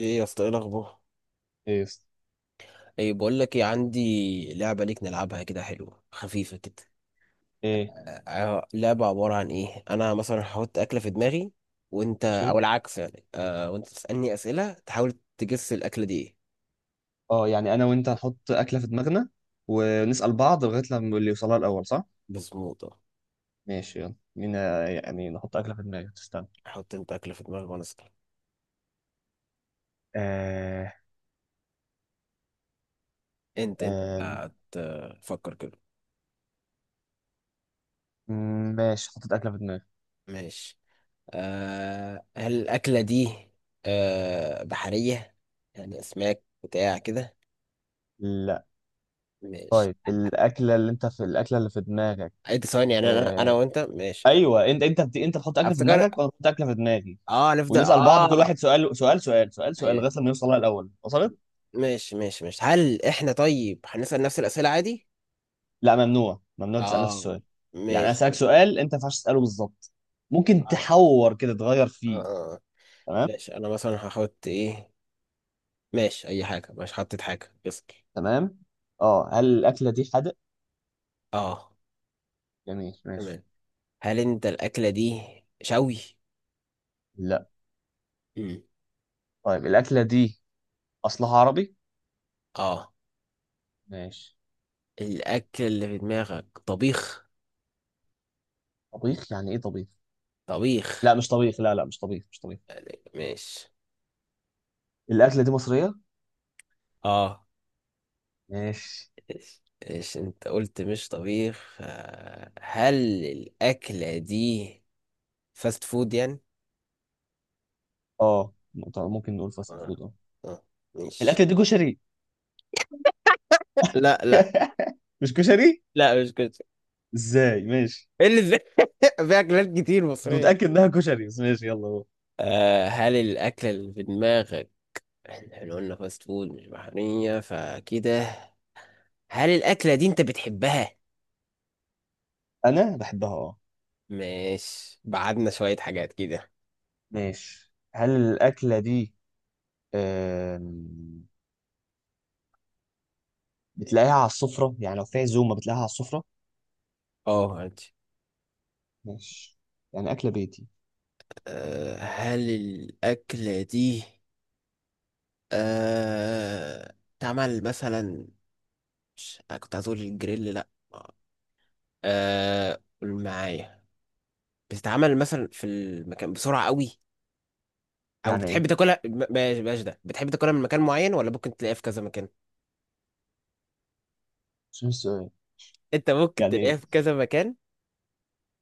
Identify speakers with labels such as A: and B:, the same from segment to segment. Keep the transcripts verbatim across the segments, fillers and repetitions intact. A: ايه يا اسطى، ايه الاخبار؟
B: ايه يا اسطى؟
A: ايه، بقول لك ايه، عندي لعبه ليك نلعبها كده، حلوه خفيفه كده.
B: ايه،
A: آه آه، لعبه عباره عن ايه؟ انا مثلا هحط اكله في دماغي وانت
B: ماشي.
A: او العكس يعني. آه وانت تسالني اسئله تحاول تجس الاكله دي ايه.
B: اه، يعني انا وانت هنحط اكله في دماغنا ونسال بعض لغايه لما اللي يوصلها الاول صح.
A: مظبوط آه.
B: ماشي، يلا مين يعني نحط اكله في دماغي، تستنى.
A: حط انت اكله في دماغك وانا اسال.
B: آه
A: انت انت اللي
B: آه
A: هتفكر كده.
B: ماشي، حطيت اكله في دماغي.
A: ماشي. آه هل الاكله دي آه بحريه؟ يعني اسماك بتاع كده.
B: لا.
A: ماشي.
B: طيب الاكله اللي انت في الاكله اللي في دماغك.
A: عد ثواني، يعني انا انا
B: آه.
A: وانت ماشي.
B: ايوه، انت انت بت... انت بتحط اكله في
A: افتكر.
B: دماغك وانا بحط اكله في دماغي.
A: اه نفضل
B: ونسال بعض كل
A: اه
B: واحد سؤال سؤال سؤال سؤال سؤال
A: ايوه.
B: لغايه لما يوصلها الاول. وصلت؟
A: ماشي ماشي ماشي، هل احنا طيب هنسأل نفس الأسئلة عادي؟
B: لا، ممنوع ممنوع تسأل نفس
A: اه،
B: السؤال. يعني انا
A: ماشي
B: اسالك
A: طب.
B: سؤال انت ما ينفعش تساله بالظبط.
A: طب،
B: ممكن
A: اه
B: تحور كده، تغير فيه.
A: اه آه.
B: تمام.
A: ماشي، انا مثلا هحط ايه. ماشي، اي حاجة، مش حطيت حاجة، اسأل.
B: تمام. اه، هل الاكله دي حادق؟
A: اه،
B: جميل، ماشي.
A: تمام. هل انت الأكلة دي شوي؟
B: لا.
A: مم.
B: طيب الاكله دي اصلها عربي؟
A: اه
B: ماشي.
A: الأكل اللي في دماغك طبيخ.
B: طبيخ؟ يعني ايه طبيخ؟ لا
A: طبيخ.
B: مش طبيخ، لا لا، مش طبيخ مش طبيخ.
A: ماشي
B: الاكله دي مصريه.
A: اه.
B: ماشي.
A: ايش انت قلت مش طبيخ؟ آه، هل الأكلة دي فاست فود يعني؟
B: اه طب ممكن نقول فاست
A: اه،
B: فود، اه.
A: اه، ماشي.
B: الاكله دي كشري؟
A: لا لا
B: مش كشري؟
A: لا، مش كده.
B: ازاي؟ ماشي.
A: ايه اللي ازاي؟ في اكلات كتير
B: انت
A: مصرية.
B: متاكد انها كشري بس، ماشي يلا هو.
A: آه هل الاكل اللي في دماغك، احنا إحنا قلنا فاست فود مش بحرية فكده. هل الاكلة دي انت بتحبها؟
B: انا بحبها، اه.
A: ماشي، بعدنا شوية حاجات كده.
B: ماشي، هل الأكلة دي آم، بتلاقيها على السفرة؟ يعني لو في عزومة بتلاقيها على السفرة.
A: اه، ماشي.
B: ماشي. يعني أكلة بيتي.
A: آه هل الاكلة دي آه تعمل مثلا. مش- أنا كنت هتقول الجريل، لا. آه قول معايا. بتتعمل مثلا في المكان بسرعة قوي، او
B: يعني
A: بتحب
B: إيه؟
A: تاكلها ب- بلاش بلاش ده، بتحب تاكلها من مكان معين ولا ممكن تلاقيها في كذا مكان؟
B: مش فاهم السؤال.
A: انت ممكن
B: يعني
A: تلاقيها
B: إيه
A: في كذا مكان،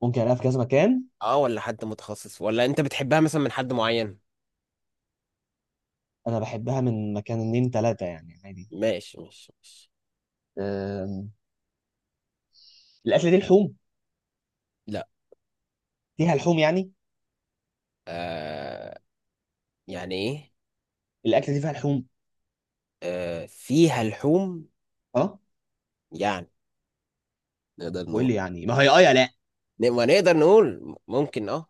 B: ممكن ألاقيها في كذا مكان؟
A: اه، ولا حد متخصص، ولا انت بتحبها مثلا من حد معين؟
B: أنا بحبها من مكان اتنين تلاتة يعني، عادي.
A: ماشي ماشي ماشي.
B: آم، الأكلة دي لحوم؟
A: لا.
B: فيها لحوم يعني؟
A: آه يعني ايه؟
B: الأكلة دي فيها لحوم؟
A: آه فيها لحوم
B: أه.
A: يعني؟ نقدر
B: وإيه
A: نقول،
B: اللي يعني؟ ما هي أه يا لأ.
A: ما نقدر نقول ممكن اه.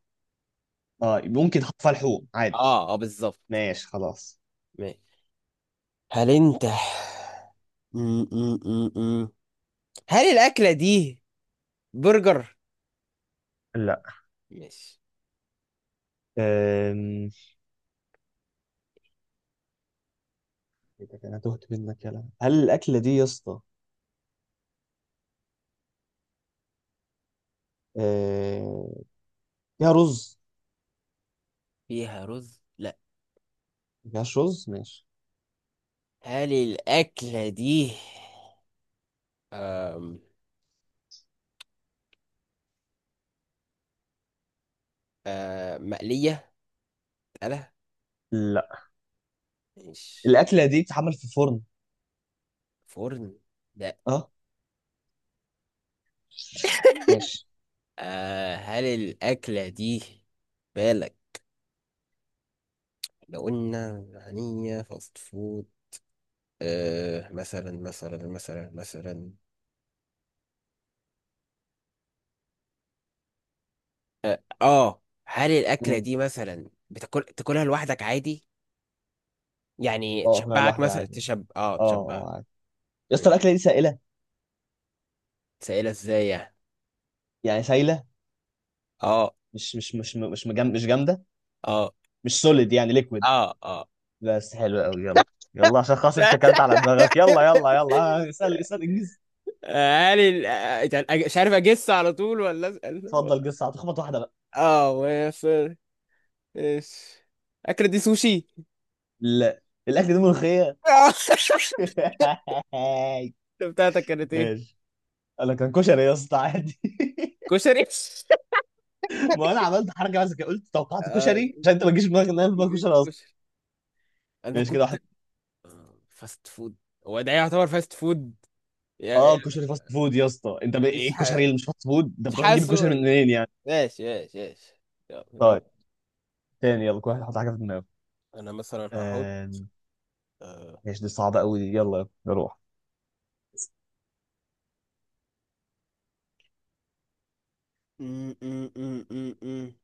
B: أه ممكن تحط فيها لحوم عادي.
A: اه، اه بالظبط.
B: ماشي، خلاص.
A: ماشي. هل انت م- م- م- م. هل الاكلة دي برجر؟
B: لا.
A: ماشي.
B: أم... إيه ده، أنا تهت منك. يلا هل الأكلة دي يا اسطى آه، فيها رز؟
A: فيها رز، لا.
B: ما فيهاش رز، ماشي.
A: هل الأكلة دي أم، آه مقلية؟ لا،
B: لا.
A: مش
B: الاكله دي بتتعمل في فرن؟
A: فرن لا.
B: اه. ماشي.
A: آه هل الأكلة دي بالك لو قلنا هنية فاست فود، آه مثلا مثلا مثلا مثلا، اه، هل الأكلة
B: مم.
A: دي مثلا بتاكل تاكلها لوحدك عادي، يعني
B: اه، اكلها
A: تشبعك
B: لوحدي
A: مثلا
B: عادي.
A: تشب اه
B: اه
A: تشبع؟
B: اه، عادي. يا اسطى
A: مم.
B: الاكله دي سائله؟
A: سائلة ازاي يعني؟
B: يعني سايله،
A: اه،
B: مش مش مش مش مجم... مش جامده.
A: اه،
B: مش سوليد يعني، ليكويد.
A: اه، اه.
B: بس حلو قوي، يلا. يلا عشان خلاص انت اكلت على دماغك، يلا يلا يلا. آه، اسال اسال، انجز.
A: علي. آه، أج- مش عارف اجس على طول ولا اسال.
B: اتفضل جس، هتخبط واحده بقى.
A: اه وافر. ايش؟ اكل دي سوشي؟
B: لا. الاكل ده ملوخيه.
A: آه، بتاعتك كانت ايه؟
B: ماشي. انا كان كشري يا اسطى، عادي.
A: كشري؟
B: ما انا عملت حركه بس كده، قلت توقعت
A: آه،
B: كشري عشان انت ما تجيش في دماغك ان انا في دماغي كشري.
A: كشري انا
B: ماشي، كده
A: كنت.
B: واحد.
A: آه، فاست فود، هو ده يعتبر فاست فود؟ يا- يا-
B: اه كشري فاست فود يا اسطى. انت ب...
A: مش
B: ايه
A: ح...
B: الكشري اللي مش فاست فود؟ انت
A: مش
B: بتروح تجيب الكشري
A: حاسه.
B: من منين يعني؟
A: ماشي ماشي ماشي، يلا
B: طيب،
A: رب.
B: تاني. يلا كل واحد يحط حاجه في دماغه.
A: انا مثلا هحط.
B: آم،
A: آه،
B: ماشي، دي صعبه قوي دي، يلا نروح.
A: م- م- م- م- م.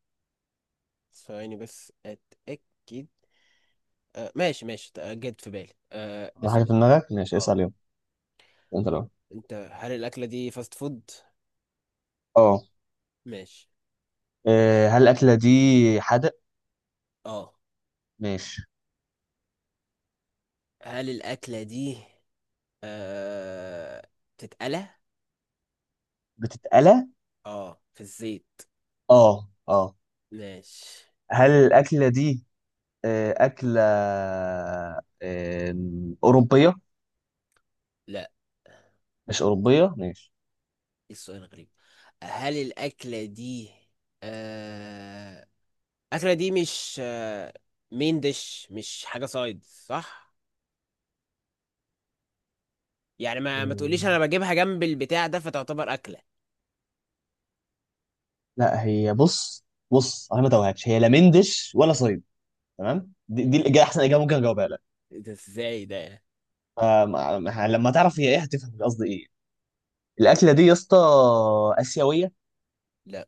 A: ثواني بس اتاكد. آه ماشي ماشي. آه، جت في بالي. آه
B: حط حاجه في
A: اسأل.
B: دماغك، ماشي
A: اه،
B: اسال يلا. انت لو،
A: انت هل الأكلة دي فاست فود؟
B: اه.
A: ماشي.
B: آه، هل الاكله دي حادق؟
A: اه
B: ماشي.
A: هل الأكلة دي آه تتقلى؟
B: بتتقلى؟
A: اه، في الزيت.
B: اه اه.
A: ماشي.
B: هل الاكله دي آه، اكله آم، اوروبيه؟
A: لا.
B: مش اوروبيه، ماشي.
A: إيه السؤال غريب. هل الأكلة دي آه الأكلة دي مش آه مين ديش؟ مش حاجة سايد صح؟ يعني ما ما تقوليش
B: مم.
A: أنا بجيبها جنب البتاع ده فتعتبر أكلة.
B: لا هي بص، بص انا ما توهكش، هي لا مندش ولا صيد. تمام، دي, دي الاجابه احسن اجابه ممكن اجاوبها لك.
A: إيه ده ازاي ده؟
B: آم، آم، لما تعرف هي ايه هتفهم قصدي ايه. الاكله دي يا اسطى اسيويه؟
A: لا.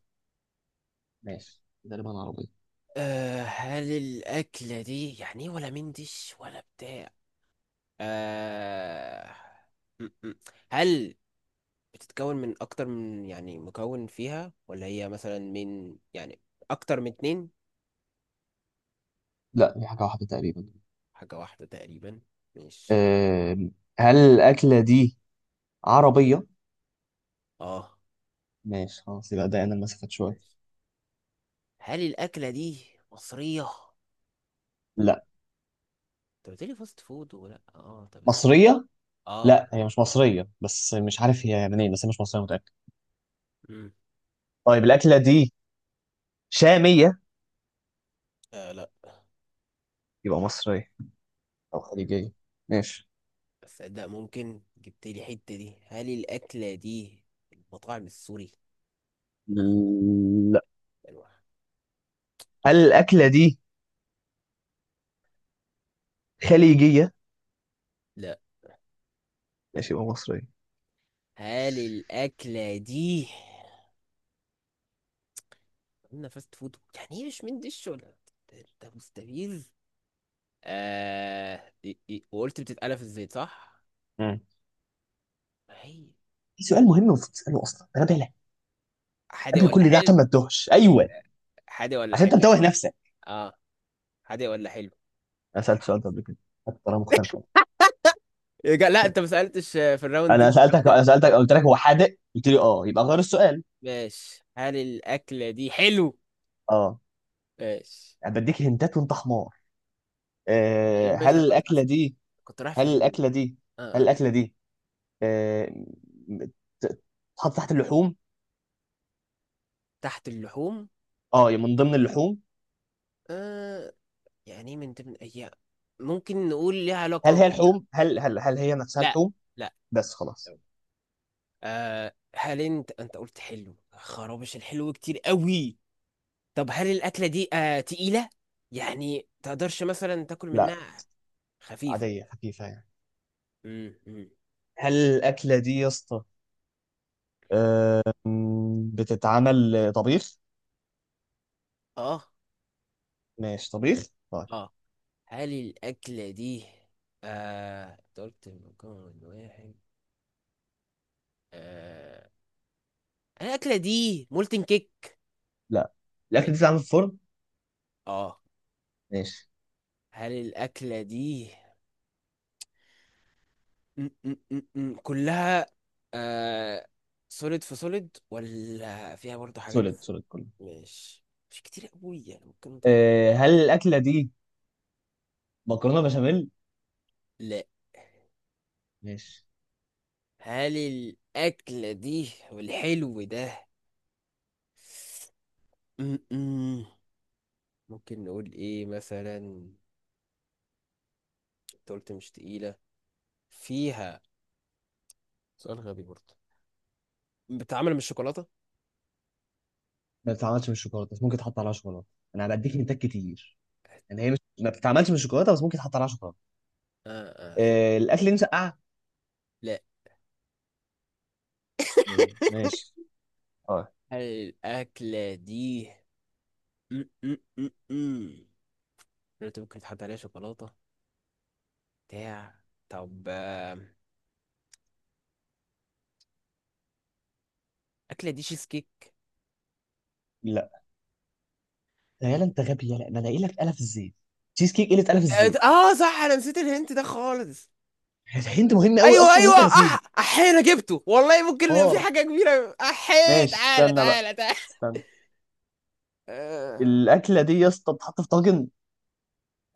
B: ماشي. تقريبا عربيه.
A: أه هل الأكلة دي يعني إيه، ولا مندش ولا بتاع؟ أه م- م. هل بتتكون من أكتر من، يعني مكون فيها، ولا هي مثلا من يعني أكتر من اتنين؟
B: لا دي حاجه واحده تقريبا.
A: حاجة واحدة تقريبا، مش
B: آم، هل الاكله دي عربيه؟
A: اه.
B: ماشي، خلاص يبقى ده انا المسافات شويه.
A: ماشي. هل الأكلة دي مصرية؟
B: لا،
A: أنت قلتلي فاست فود ولا اه؟ طب بس.
B: مصريه.
A: اه،
B: لا هي مش مصريه بس مش عارف هي منين، بس هي مش مصريه متاكد.
A: مم.
B: طيب الاكله دي شاميه؟
A: آه لا.
B: يبقى مصريه او
A: مم.
B: خليجيه. ماشي.
A: بس صدق ممكن جبتلي حتة دي. هل الأكلة دي المطاعم السوري؟
B: لا.
A: يعني.
B: هل الاكله دي خليجيه؟
A: لا.
B: ماشي، يبقى مصريه.
A: هل الأكلة دي قلنا فاست فود يعني ايه، مش من دش ولا؟ ده ده مستفيد. آه دي- دي- وقلت بتتقلى في الزيت صح؟
B: مم.
A: هي
B: في سؤال مهم المفروض تساله اصلا، انا بالك
A: حادق
B: قبل
A: ولا
B: كل ده عشان
A: حلو؟
B: ما تتوهش، ايوه،
A: حادق ولا
B: عشان انت
A: حلو؟
B: متوه نفسك.
A: اه، حادق ولا حلو؟
B: انا سالت سؤال ده قبل كده، حتى طريقه مختلفه.
A: يا جا- لا، انت ما سألتش. آه، في الراوند
B: انا
A: دي الراوند
B: سالتك انا
A: اللي-
B: سالتك قلت لك هو حادق، قلت لي اه، يبقى غير السؤال.
A: ماشي. هل الأكلة دي حلو؟
B: اه.
A: ماشي
B: انا بديك هنتات وانت حمار.
A: ايوه،
B: آه، هل
A: ماشي. انا كنت
B: الاكله
A: أصلا
B: دي
A: كنت رايح في
B: هل
A: ال...
B: الاكله دي
A: آه
B: هل
A: آه.
B: الاكله دي آه، م- ت- تتحط تحت اللحوم؟
A: تحت اللحوم.
B: اه، من ضمن اللحوم.
A: آه يعني إيه من ضمن؟ هي ممكن نقول ليها
B: هل
A: علاقة؟
B: هي لحوم هل هل هل هي نفسها
A: لا.
B: لحوم؟
A: لا.
B: بس خلاص.
A: آه هل انت انت قلت حلو؟ خرابش الحلو كتير قوي. طب هل الاكله دي آه تقيله؟ يعني تقدرش مثلا تاكل
B: لا.
A: منها؟ خفيفه.
B: عاديه، خفيفه يعني.
A: امم أمم.
B: هل الاكله دي يا اسطى، أم، بتتعمل طبيخ؟
A: اه،
B: ماشي طبيخ، طيب.
A: اه. هل الاكله دي آه انت قلت مكون واحد. آه هل الاكله دي مولتن كيك؟
B: لا،
A: م-
B: الاكل دي بتتعمل في الفرن.
A: اه.
B: ماشي.
A: هل الاكله دي أم، أم، أم، أم، كلها آه سوليد، في سوليد، ولا فيها برضه حاجات؟
B: سوليد، سوليد كله.
A: ماشي. مش كتير قوي يعني، ممكن نطور.
B: أه، هل الاكله دي مكرونه بشاميل؟
A: لا.
B: ماشي.
A: هل الأكلة دي والحلو ده م-م. ممكن نقول إيه مثلا؟ أنت قلت مش تقيلة، فيها. سؤال غبي برضه، بتتعمل من الشوكولاتة؟
B: ما بتتعملش من الشوكولاته، بس ممكن تحط عليها شوكولاته. انا هديك هنتات كتير. يعني هي مش ما بتتعملش من الشوكولاته، بس ممكن تحط عليها شوكولاته.
A: آه آه في.
B: أه، الاكل دي مسقعه؟
A: لا.
B: زي ماشي، اه.
A: هل الأكلة دي م-م-م-م. قلت ممكن تحط عليها شوكولاتة بتاع. طب. آه، الأكلة دي شيز كيك؟
B: لا. يالا انت غبي، يالا ما الاقي لك قلف الزيت، تشيز كيك، قله قلف
A: آه
B: الزيت.
A: آه، صح، أنا نسيت الهنت ده خالص.
B: انت مهم قوي
A: ايوه
B: اصلا
A: ايوه،
B: وانت نسيه.
A: اح احينا جبته والله، ممكن في
B: نار.
A: حاجه كبيره. احي،
B: ماشي
A: تعالى
B: استنى بقى،
A: تعالى تعالى.
B: استنى.
A: آه.
B: الاكله دي يا اسطى بتتحط في طاجن؟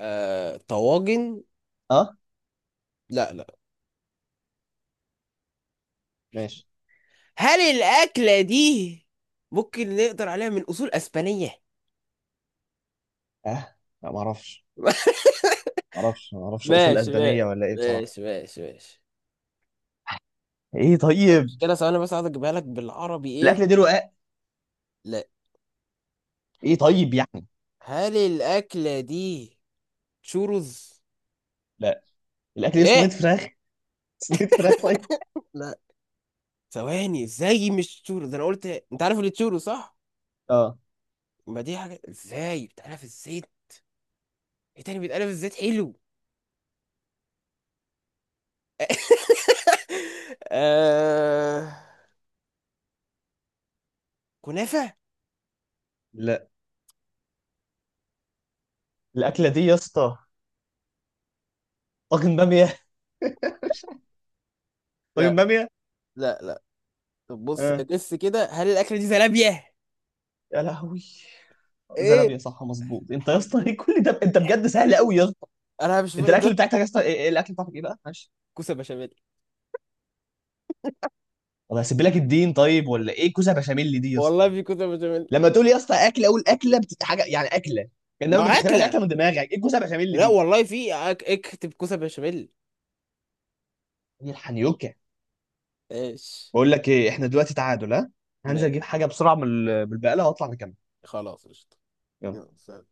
A: آه. طواجن؟
B: اه
A: لا. لا.
B: ماشي.
A: هل الاكله دي ممكن نقدر عليها من اصول اسبانيه؟
B: اه لا، ما اعرفش. ما اعرفش ما اعرفش اصول
A: ماشي ماشي
B: اسبانيه ولا ايه بصراحه.
A: ماشي ماشي ماشي.
B: ايه طيب.
A: المشكله ثواني بس عايز اجيبها لك بالعربي ايه.
B: الاكله دي رقاق؟
A: لا.
B: ايه طيب يعني.
A: هل الاكله دي تشورز؟
B: لا، الاكل دي صينيه
A: ايه؟
B: فراخ. صينيه فراخ؟ طيب.
A: لا. ثواني، ازاي مش تشورز؟ انا قلت انت عارف اللي تشورز صح؟
B: اه.
A: ما دي حاجه، ازاي بتعرف ازاي؟ ايه تاني بيتقلب الزيت حلو؟ آه... كنافة؟
B: لا. الاكله دي يا اسطى طاجن باميه. طاجن
A: لا.
B: باميه.
A: لا. لا. طب بص
B: اه،
A: بس كده، هل الأكلة دي زلابية؟
B: يا لهوي،
A: ايه؟
B: زلابيه! صح، مظبوط انت يا اسطى.
A: حب،
B: ايه كل ده؟ انت بجد سهل قوي يا اسطى.
A: انا مش
B: انت
A: فاهم
B: الاكل
A: ده.
B: بتاعتك يا اسطى ايه؟ إيه الاكل بتاعتك ايه بقى، معلش؟
A: كوسة بشاميل.
B: طب هسيب لك الدين طيب، ولا ايه كوسه بشاميل دي يا
A: والله
B: اسطى؟
A: في كوسة بشاميل.
B: لما تقول يا اسطى اكله، اقول اكله بت... حاجه يعني اكله. انما
A: ما
B: ما تخترعش
A: أكلة.
B: اكله من دماغك. ايه الكوسه بشاميل
A: لا
B: دي؟
A: والله في أك... اكتب كوسة بشاميل.
B: ايه الحنيوكه؟
A: ايش؟
B: بقول لك ايه، احنا دلوقتي تعادل، ها.
A: ما
B: هنزل اجيب حاجه بسرعه من ال- من البقاله واطلع نكمل.
A: خلاص، قشطة.
B: يلا.
A: يلا، سلام.